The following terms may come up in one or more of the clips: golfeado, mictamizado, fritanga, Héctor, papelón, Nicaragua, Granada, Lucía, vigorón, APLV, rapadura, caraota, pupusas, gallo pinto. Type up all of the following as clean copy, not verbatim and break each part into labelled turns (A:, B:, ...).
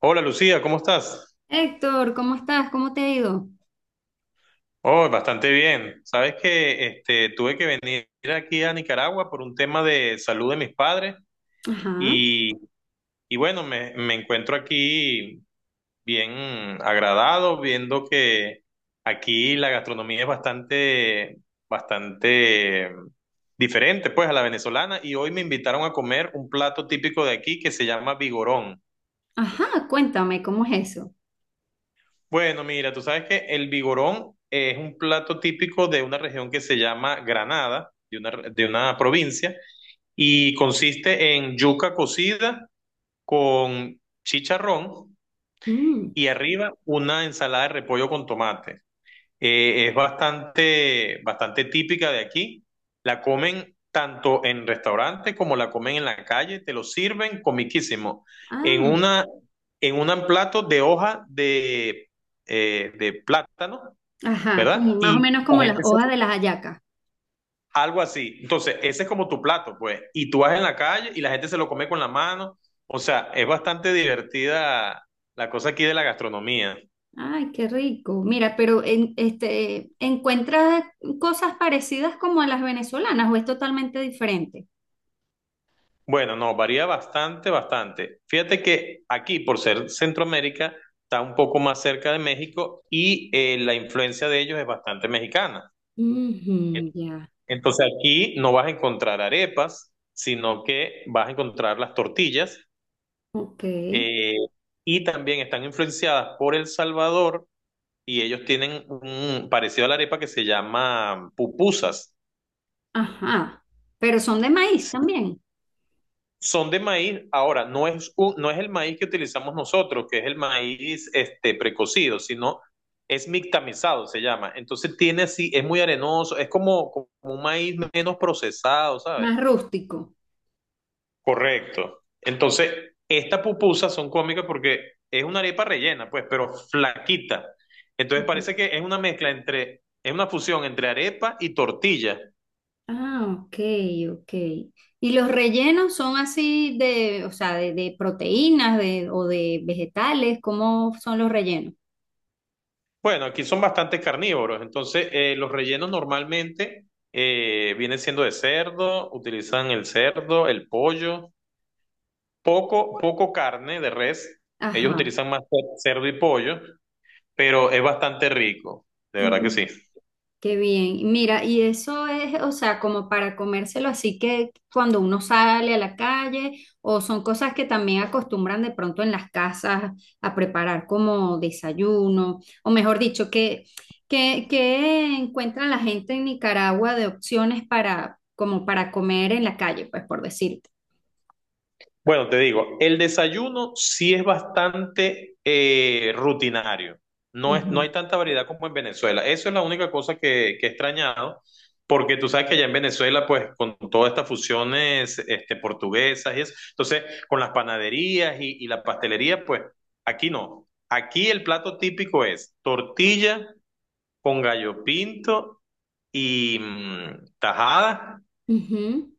A: Hola Lucía, ¿cómo estás?
B: Héctor, ¿cómo estás? ¿Cómo te ha ido?
A: Oh, bastante bien. Sabes que este, tuve que venir aquí a Nicaragua por un tema de salud de mis padres
B: Ajá,
A: y, y bueno, me encuentro aquí bien agradado viendo que aquí la gastronomía es bastante diferente pues a la venezolana, y hoy me invitaron a comer un plato típico de aquí que se llama vigorón.
B: ajá, cuéntame, ¿cómo es eso?
A: Bueno, mira, tú sabes que el vigorón es un plato típico de una región que se llama Granada, de una provincia, y consiste en yuca cocida con chicharrón,
B: Mm,
A: y arriba una ensalada de repollo con tomate. Es bastante típica de aquí. La comen tanto en restaurantes como la comen en la calle. Te lo sirven comiquísimo. En
B: ah,
A: una, en un plato de hoja de plátano,
B: ajá, como
A: ¿verdad?
B: más o
A: Y
B: menos
A: la
B: como las
A: gente se-
B: hojas de las hallacas.
A: algo así. Entonces, ese es como tu plato, pues. Y tú vas en la calle y la gente se lo come con la mano. O sea, es bastante divertida la cosa aquí de la gastronomía.
B: Ay, qué rico. Mira, pero este, ¿encuentras cosas parecidas como a las venezolanas o es totalmente diferente?
A: Bueno, no, varía bastante. Fíjate que aquí, por ser Centroamérica, está un poco más cerca de México, y la influencia de ellos es bastante mexicana. En-
B: Ujú, ya,
A: Entonces aquí no vas a encontrar arepas, sino que vas a encontrar las tortillas,
B: ok,
A: eh, y también están influenciadas por El Salvador, y ellos tienen un parecido a la arepa que se llama pupusas.
B: ajá. Pero son de maíz
A: Si
B: también,
A: son de maíz, ahora no es, no es el maíz que utilizamos nosotros, que es el maíz este, precocido, sino es mictamizado, se llama. Entonces tiene así, es muy arenoso, es como, como un maíz menos procesado, ¿sabes?
B: más rústico.
A: Correcto. Entonces, estas pupusas son cómicas porque es una arepa rellena, pues, pero flaquita. Entonces
B: Ajá.
A: parece que es una mezcla entre, es una fusión entre arepa y tortilla.
B: Ah, ok, ok. ¿Y los rellenos son así de, o sea, de proteínas de, o de vegetales? ¿Cómo son los rellenos?
A: Bueno, aquí son bastante carnívoros, entonces los rellenos normalmente vienen siendo de cerdo, utilizan el cerdo, el pollo, poco carne de res, ellos
B: Ajá.
A: utilizan más cerdo y pollo, pero es bastante rico, de verdad que sí.
B: Qué bien. Mira, y eso es, o sea, como para comérselo así que cuando uno sale a la calle, o son cosas que también acostumbran de pronto en las casas a preparar como desayuno, o mejor dicho, que encuentra la gente en Nicaragua de opciones para, como para comer en la calle, pues por decirte.
A: Bueno, te digo, el desayuno sí es bastante rutinario. No es, no
B: Ujú.
A: hay tanta variedad como en Venezuela. Eso es la única cosa que he extrañado, porque tú sabes que allá en Venezuela, pues, con todas estas fusiones este, portuguesas y eso, entonces, con las panaderías y la pastelería, pues, aquí no. Aquí el plato típico es tortilla con gallo pinto y mm, tajada
B: Ujú.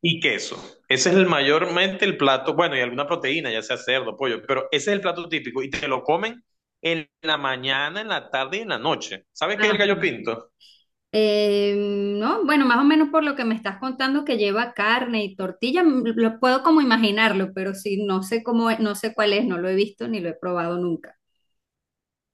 A: y queso. Ese es el mayormente el plato, bueno, y alguna proteína, ya sea cerdo, pollo, pero ese es el plato típico y te lo comen en la mañana, en la tarde y en la noche. ¿Sabes qué es el gallo
B: Ajá.
A: pinto?
B: Eh, no, bueno, más o menos por lo que me estás contando que lleva carne y tortilla, lo puedo como imaginarlo, pero sí, no sé cómo, no sé cuál es, no lo he visto ni lo he probado nunca.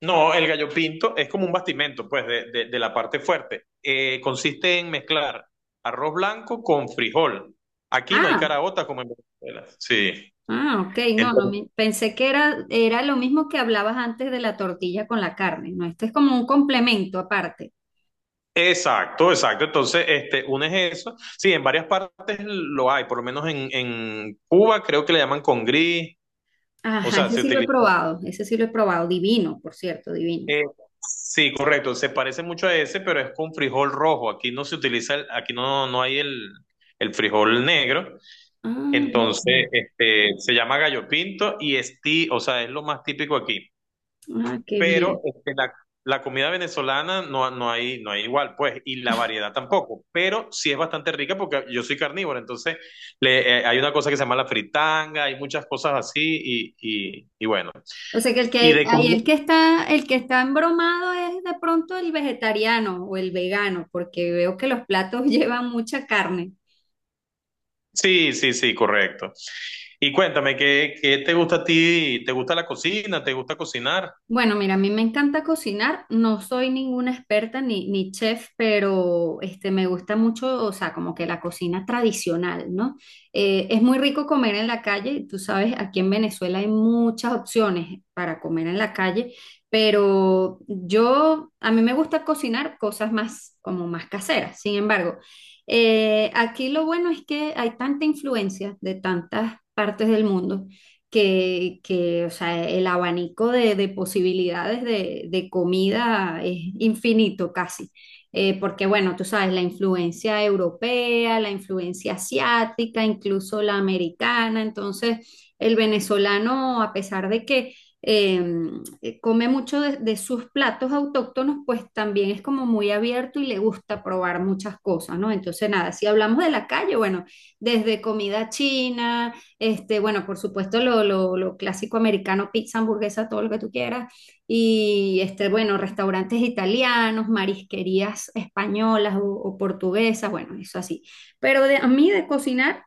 A: No, el gallo pinto es como un bastimento, pues, de la parte fuerte. Consiste en mezclar arroz blanco con frijol. Aquí no hay
B: Ah,
A: caraota como en Venezuela. Sí.
B: ah, ok, no, no,
A: Entonces,
B: pensé que era lo mismo que hablabas antes de la tortilla con la carne, ¿no? Este es como un complemento aparte.
A: exacto, exacto. Entonces, este, unes eso. Sí, en varias partes lo hay, por lo menos en Cuba creo que le llaman con... O
B: Ajá,
A: sea,
B: ese
A: se
B: sí lo he
A: utiliza.
B: probado, ese sí lo he probado, divino, por cierto, divino.
A: eh, sí, correcto. Se parece mucho a ese, pero es con frijol rojo. Aquí no se utiliza, aquí no, no hay el frijol negro.
B: Ah,
A: Entonces,
B: mira,
A: este, se llama gallo pinto y es ti, o sea, es lo más típico aquí.
B: ah, qué
A: Pero
B: bien.
A: este, la comida venezolana no, no hay, no hay igual, pues, y la variedad tampoco. Pero sí es bastante rica porque yo soy carnívoro, entonces hay una cosa que se llama la fritanga, hay muchas cosas así y bueno.
B: O sea que el
A: Y
B: que
A: de
B: ahí
A: comida.
B: el que está embromado es de pronto el vegetariano o el vegano, porque veo que los platos llevan mucha carne.
A: Sí, sí, sí, correcto. Y cuéntame, ¿qué te gusta a ti? ¿Te gusta la cocina? ¿Te gusta cocinar?
B: Bueno, mira, a mí me encanta cocinar, no soy ninguna experta ni chef, pero este, me gusta mucho, o sea, como que la cocina tradicional, ¿no? Es muy rico comer en la calle, tú sabes, aquí en Venezuela hay muchas opciones para comer en la calle, pero yo, a mí me gusta cocinar cosas más, como más caseras, sin embargo, aquí lo bueno es que hay tanta influencia de tantas partes del mundo o sea, el abanico de, posibilidades de comida es infinito casi. Porque bueno, tú sabes, la influencia europea, la influencia asiática, incluso la americana, entonces el venezolano, a pesar de que come mucho de sus platos autóctonos, pues también es como muy abierto y le gusta probar muchas cosas, ¿no? Entonces, nada, si hablamos de la calle, bueno, desde comida china, este, bueno, por supuesto, lo clásico americano, pizza, hamburguesa, todo lo que tú quieras. Y este, bueno, restaurantes italianos, marisquerías españolas o portuguesas, bueno, eso así. Pero a mí de cocinar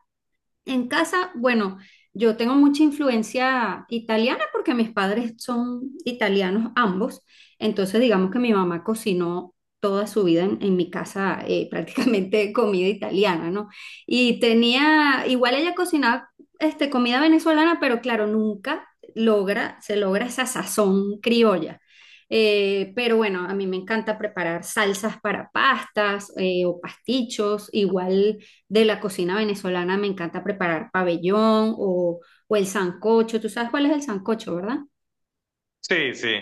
B: en casa, bueno, yo tengo mucha influencia italiana porque mis padres son italianos ambos, entonces digamos que mi mamá cocinó toda su vida en mi casa prácticamente comida italiana, ¿no? Y tenía, igual ella cocinaba este, comida venezolana, pero claro, nunca se logra esa sazón criolla. Pero bueno, a mí me encanta preparar salsas para pastas o pastichos, igual de la cocina venezolana me encanta preparar pabellón o el sancocho. Tú sabes cuál es el sancocho, ¿verdad?
A: Sí, sí,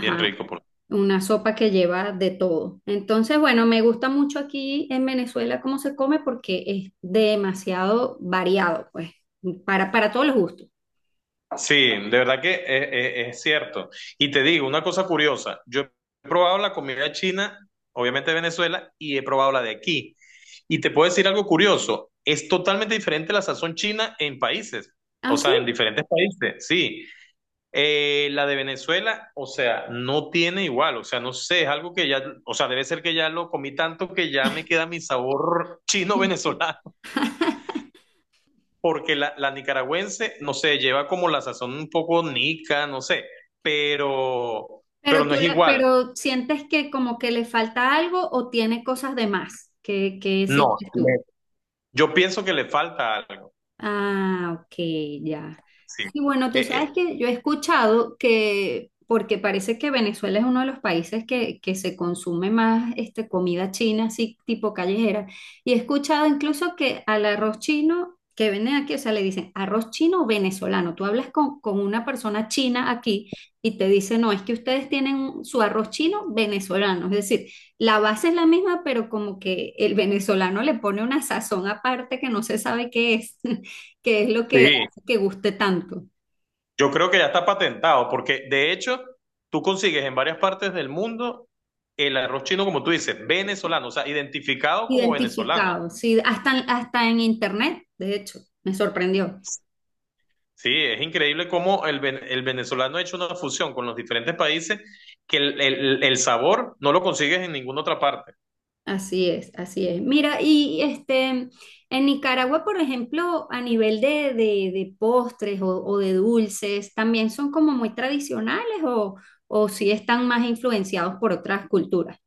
A: bien rico.
B: una sopa que lleva de todo. Entonces, bueno, me gusta mucho aquí en Venezuela cómo se come porque es demasiado variado, pues, para todos los gustos.
A: Sí, de verdad que es cierto. Y te digo una cosa curiosa, yo he probado la comida china, obviamente de Venezuela, y he probado la de aquí. Y te puedo decir algo curioso, es totalmente diferente la sazón china en países,
B: Ah,
A: o sea, en
B: sí.
A: diferentes países, sí. La de Venezuela, o sea, no tiene igual, o sea, no sé, es algo que ya, o sea, debe ser que ya lo comí tanto que ya me queda mi sabor chino-venezolano, porque la nicaragüense, no sé, lleva como la sazón un poco nica, no sé, pero, pero
B: Pero
A: no
B: tú
A: es
B: la-
A: igual,
B: pero sientes que como que le falta algo o tiene cosas de más. ¿Qué
A: no,
B: sientes tú?
A: yo pienso que le falta algo,
B: Ah, ok, ya.
A: sí,
B: Sí, bueno,
A: Eh,
B: tú sabes
A: eh,
B: que yo he escuchado que, porque parece que Venezuela es uno de los países que se consume más este, comida china, así tipo callejera, y he escuchado incluso que al arroz chino que venden aquí, o sea, le dicen arroz chino venezolano. Tú hablas con una persona china aquí y te dice, no, es que ustedes tienen su arroz chino venezolano, es decir, la base es la misma, pero como que el venezolano le pone una sazón aparte que no se sabe qué es que es lo que
A: sí,
B: hace que guste tanto.
A: yo creo que ya está patentado, porque de hecho tú consigues en varias partes del mundo el arroz chino, como tú dices, venezolano, o sea, identificado como venezolano.
B: Identificado, sí, hasta en internet, de hecho, me sorprendió.
A: Sí, es increíble cómo el venezolano ha hecho una fusión con los diferentes países, que el sabor no lo consigues en ninguna otra parte.
B: Así es, así es. Mira, y este, en Nicaragua, por ejemplo, a nivel de postres o de dulces, ¿también son como muy tradicionales o si están más influenciados por otras culturas?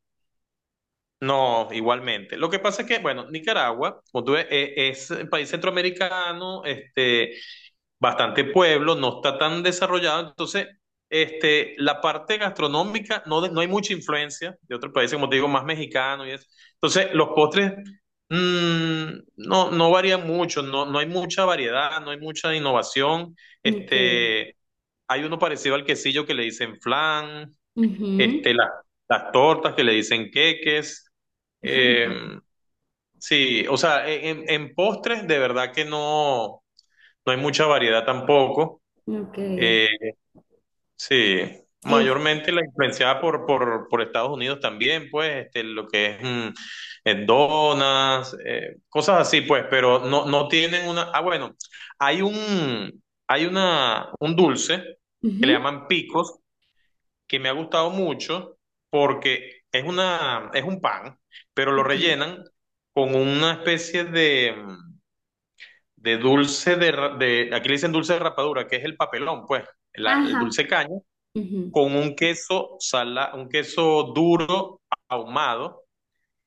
A: No, igualmente. Lo que pasa es que, bueno, Nicaragua, como tú ves, es un país centroamericano, este, bastante pueblo, no está tan desarrollado, entonces este, la parte gastronómica no, no hay mucha influencia de otros países, como te digo, más mexicano y eso. Entonces los postres mm, no, no varían mucho, no, no hay mucha variedad, no hay mucha innovación.
B: Ok.
A: Este, hay uno parecido al quesillo que le dicen flan,
B: Ujú.
A: este, las tortas que le dicen queques. Eh, sí, o sea, en postres de verdad que no, no hay mucha variedad tampoco.
B: Ok.
A: Eh, sí,
B: Es,
A: mayormente la influenciada por, por Estados Unidos también, pues, este, lo que es mm, donas, cosas así, pues, pero no, no tienen una... Ah, bueno, hay una, un dulce que le
B: Ujú,
A: llaman picos, que me ha gustado mucho porque es una, es un pan, pero lo
B: ok.
A: rellenan con una especie de dulce de, de... Aquí le dicen dulce de rapadura, que es el papelón, pues, el
B: Ajá.
A: dulce caña
B: Ujú,
A: con un queso sala, un queso duro ahumado.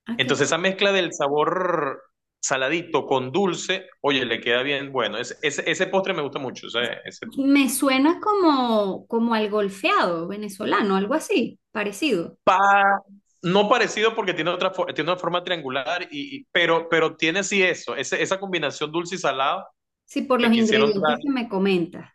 B: ok.
A: Entonces esa mezcla del sabor saladito con dulce, oye, le queda bien bueno. Ese postre me gusta mucho. Ese
B: Me suena como al golfeado venezolano, algo así, parecido.
A: pa- no parecido porque tiene otra tiene una forma triangular, pero tiene sí eso, esa combinación dulce y salado
B: Sí, por
A: que
B: los
A: quisieron dar.
B: ingredientes que me comentas.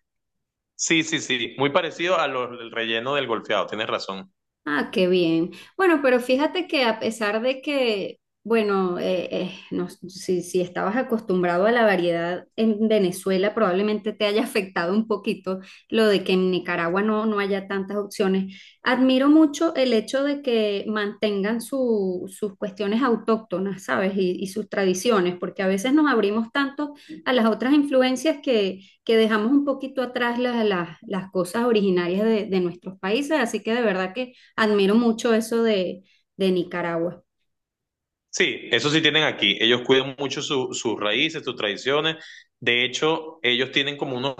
A: Sí, sí, sí, muy parecido a los, el relleno del golfeado, tienes razón.
B: Ah, qué bien. Bueno, pero fíjate que a pesar de que, bueno, no, si estabas acostumbrado a la variedad en Venezuela, probablemente te haya afectado un poquito lo de que en Nicaragua no haya tantas opciones. Admiro mucho el hecho de que mantengan sus cuestiones autóctonas, ¿sabes? Y sus tradiciones, porque a veces nos abrimos tanto a las otras influencias que dejamos un poquito atrás las cosas originarias de, nuestros países. Así que de verdad que. Admiro mucho eso de Nicaragua.
A: Sí, eso sí tienen aquí. Ellos cuidan mucho sus raíces, sus tradiciones. De hecho, ellos tienen como unos,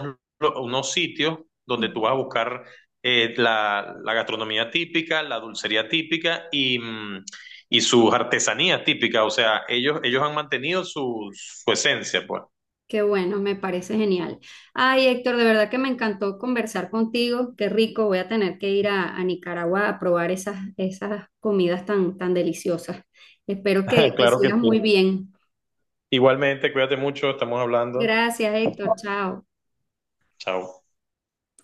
A: unos sitios donde tú
B: Ujú.
A: vas a buscar la gastronomía típica, la dulcería típica y, mm, y sus artesanías típicas. O sea, ellos han mantenido su esencia, pues.
B: Qué bueno, me parece genial. Ay, Héctor, de verdad que me encantó conversar contigo. Qué rico, voy a tener que ir a Nicaragua a probar esas comidas tan, tan deliciosas. Espero que, que
A: Claro que
B: sigas
A: sí.
B: muy bien.
A: Igualmente, cuídate mucho, estamos hablando.
B: Gracias, Héctor. Chao.
A: Chao.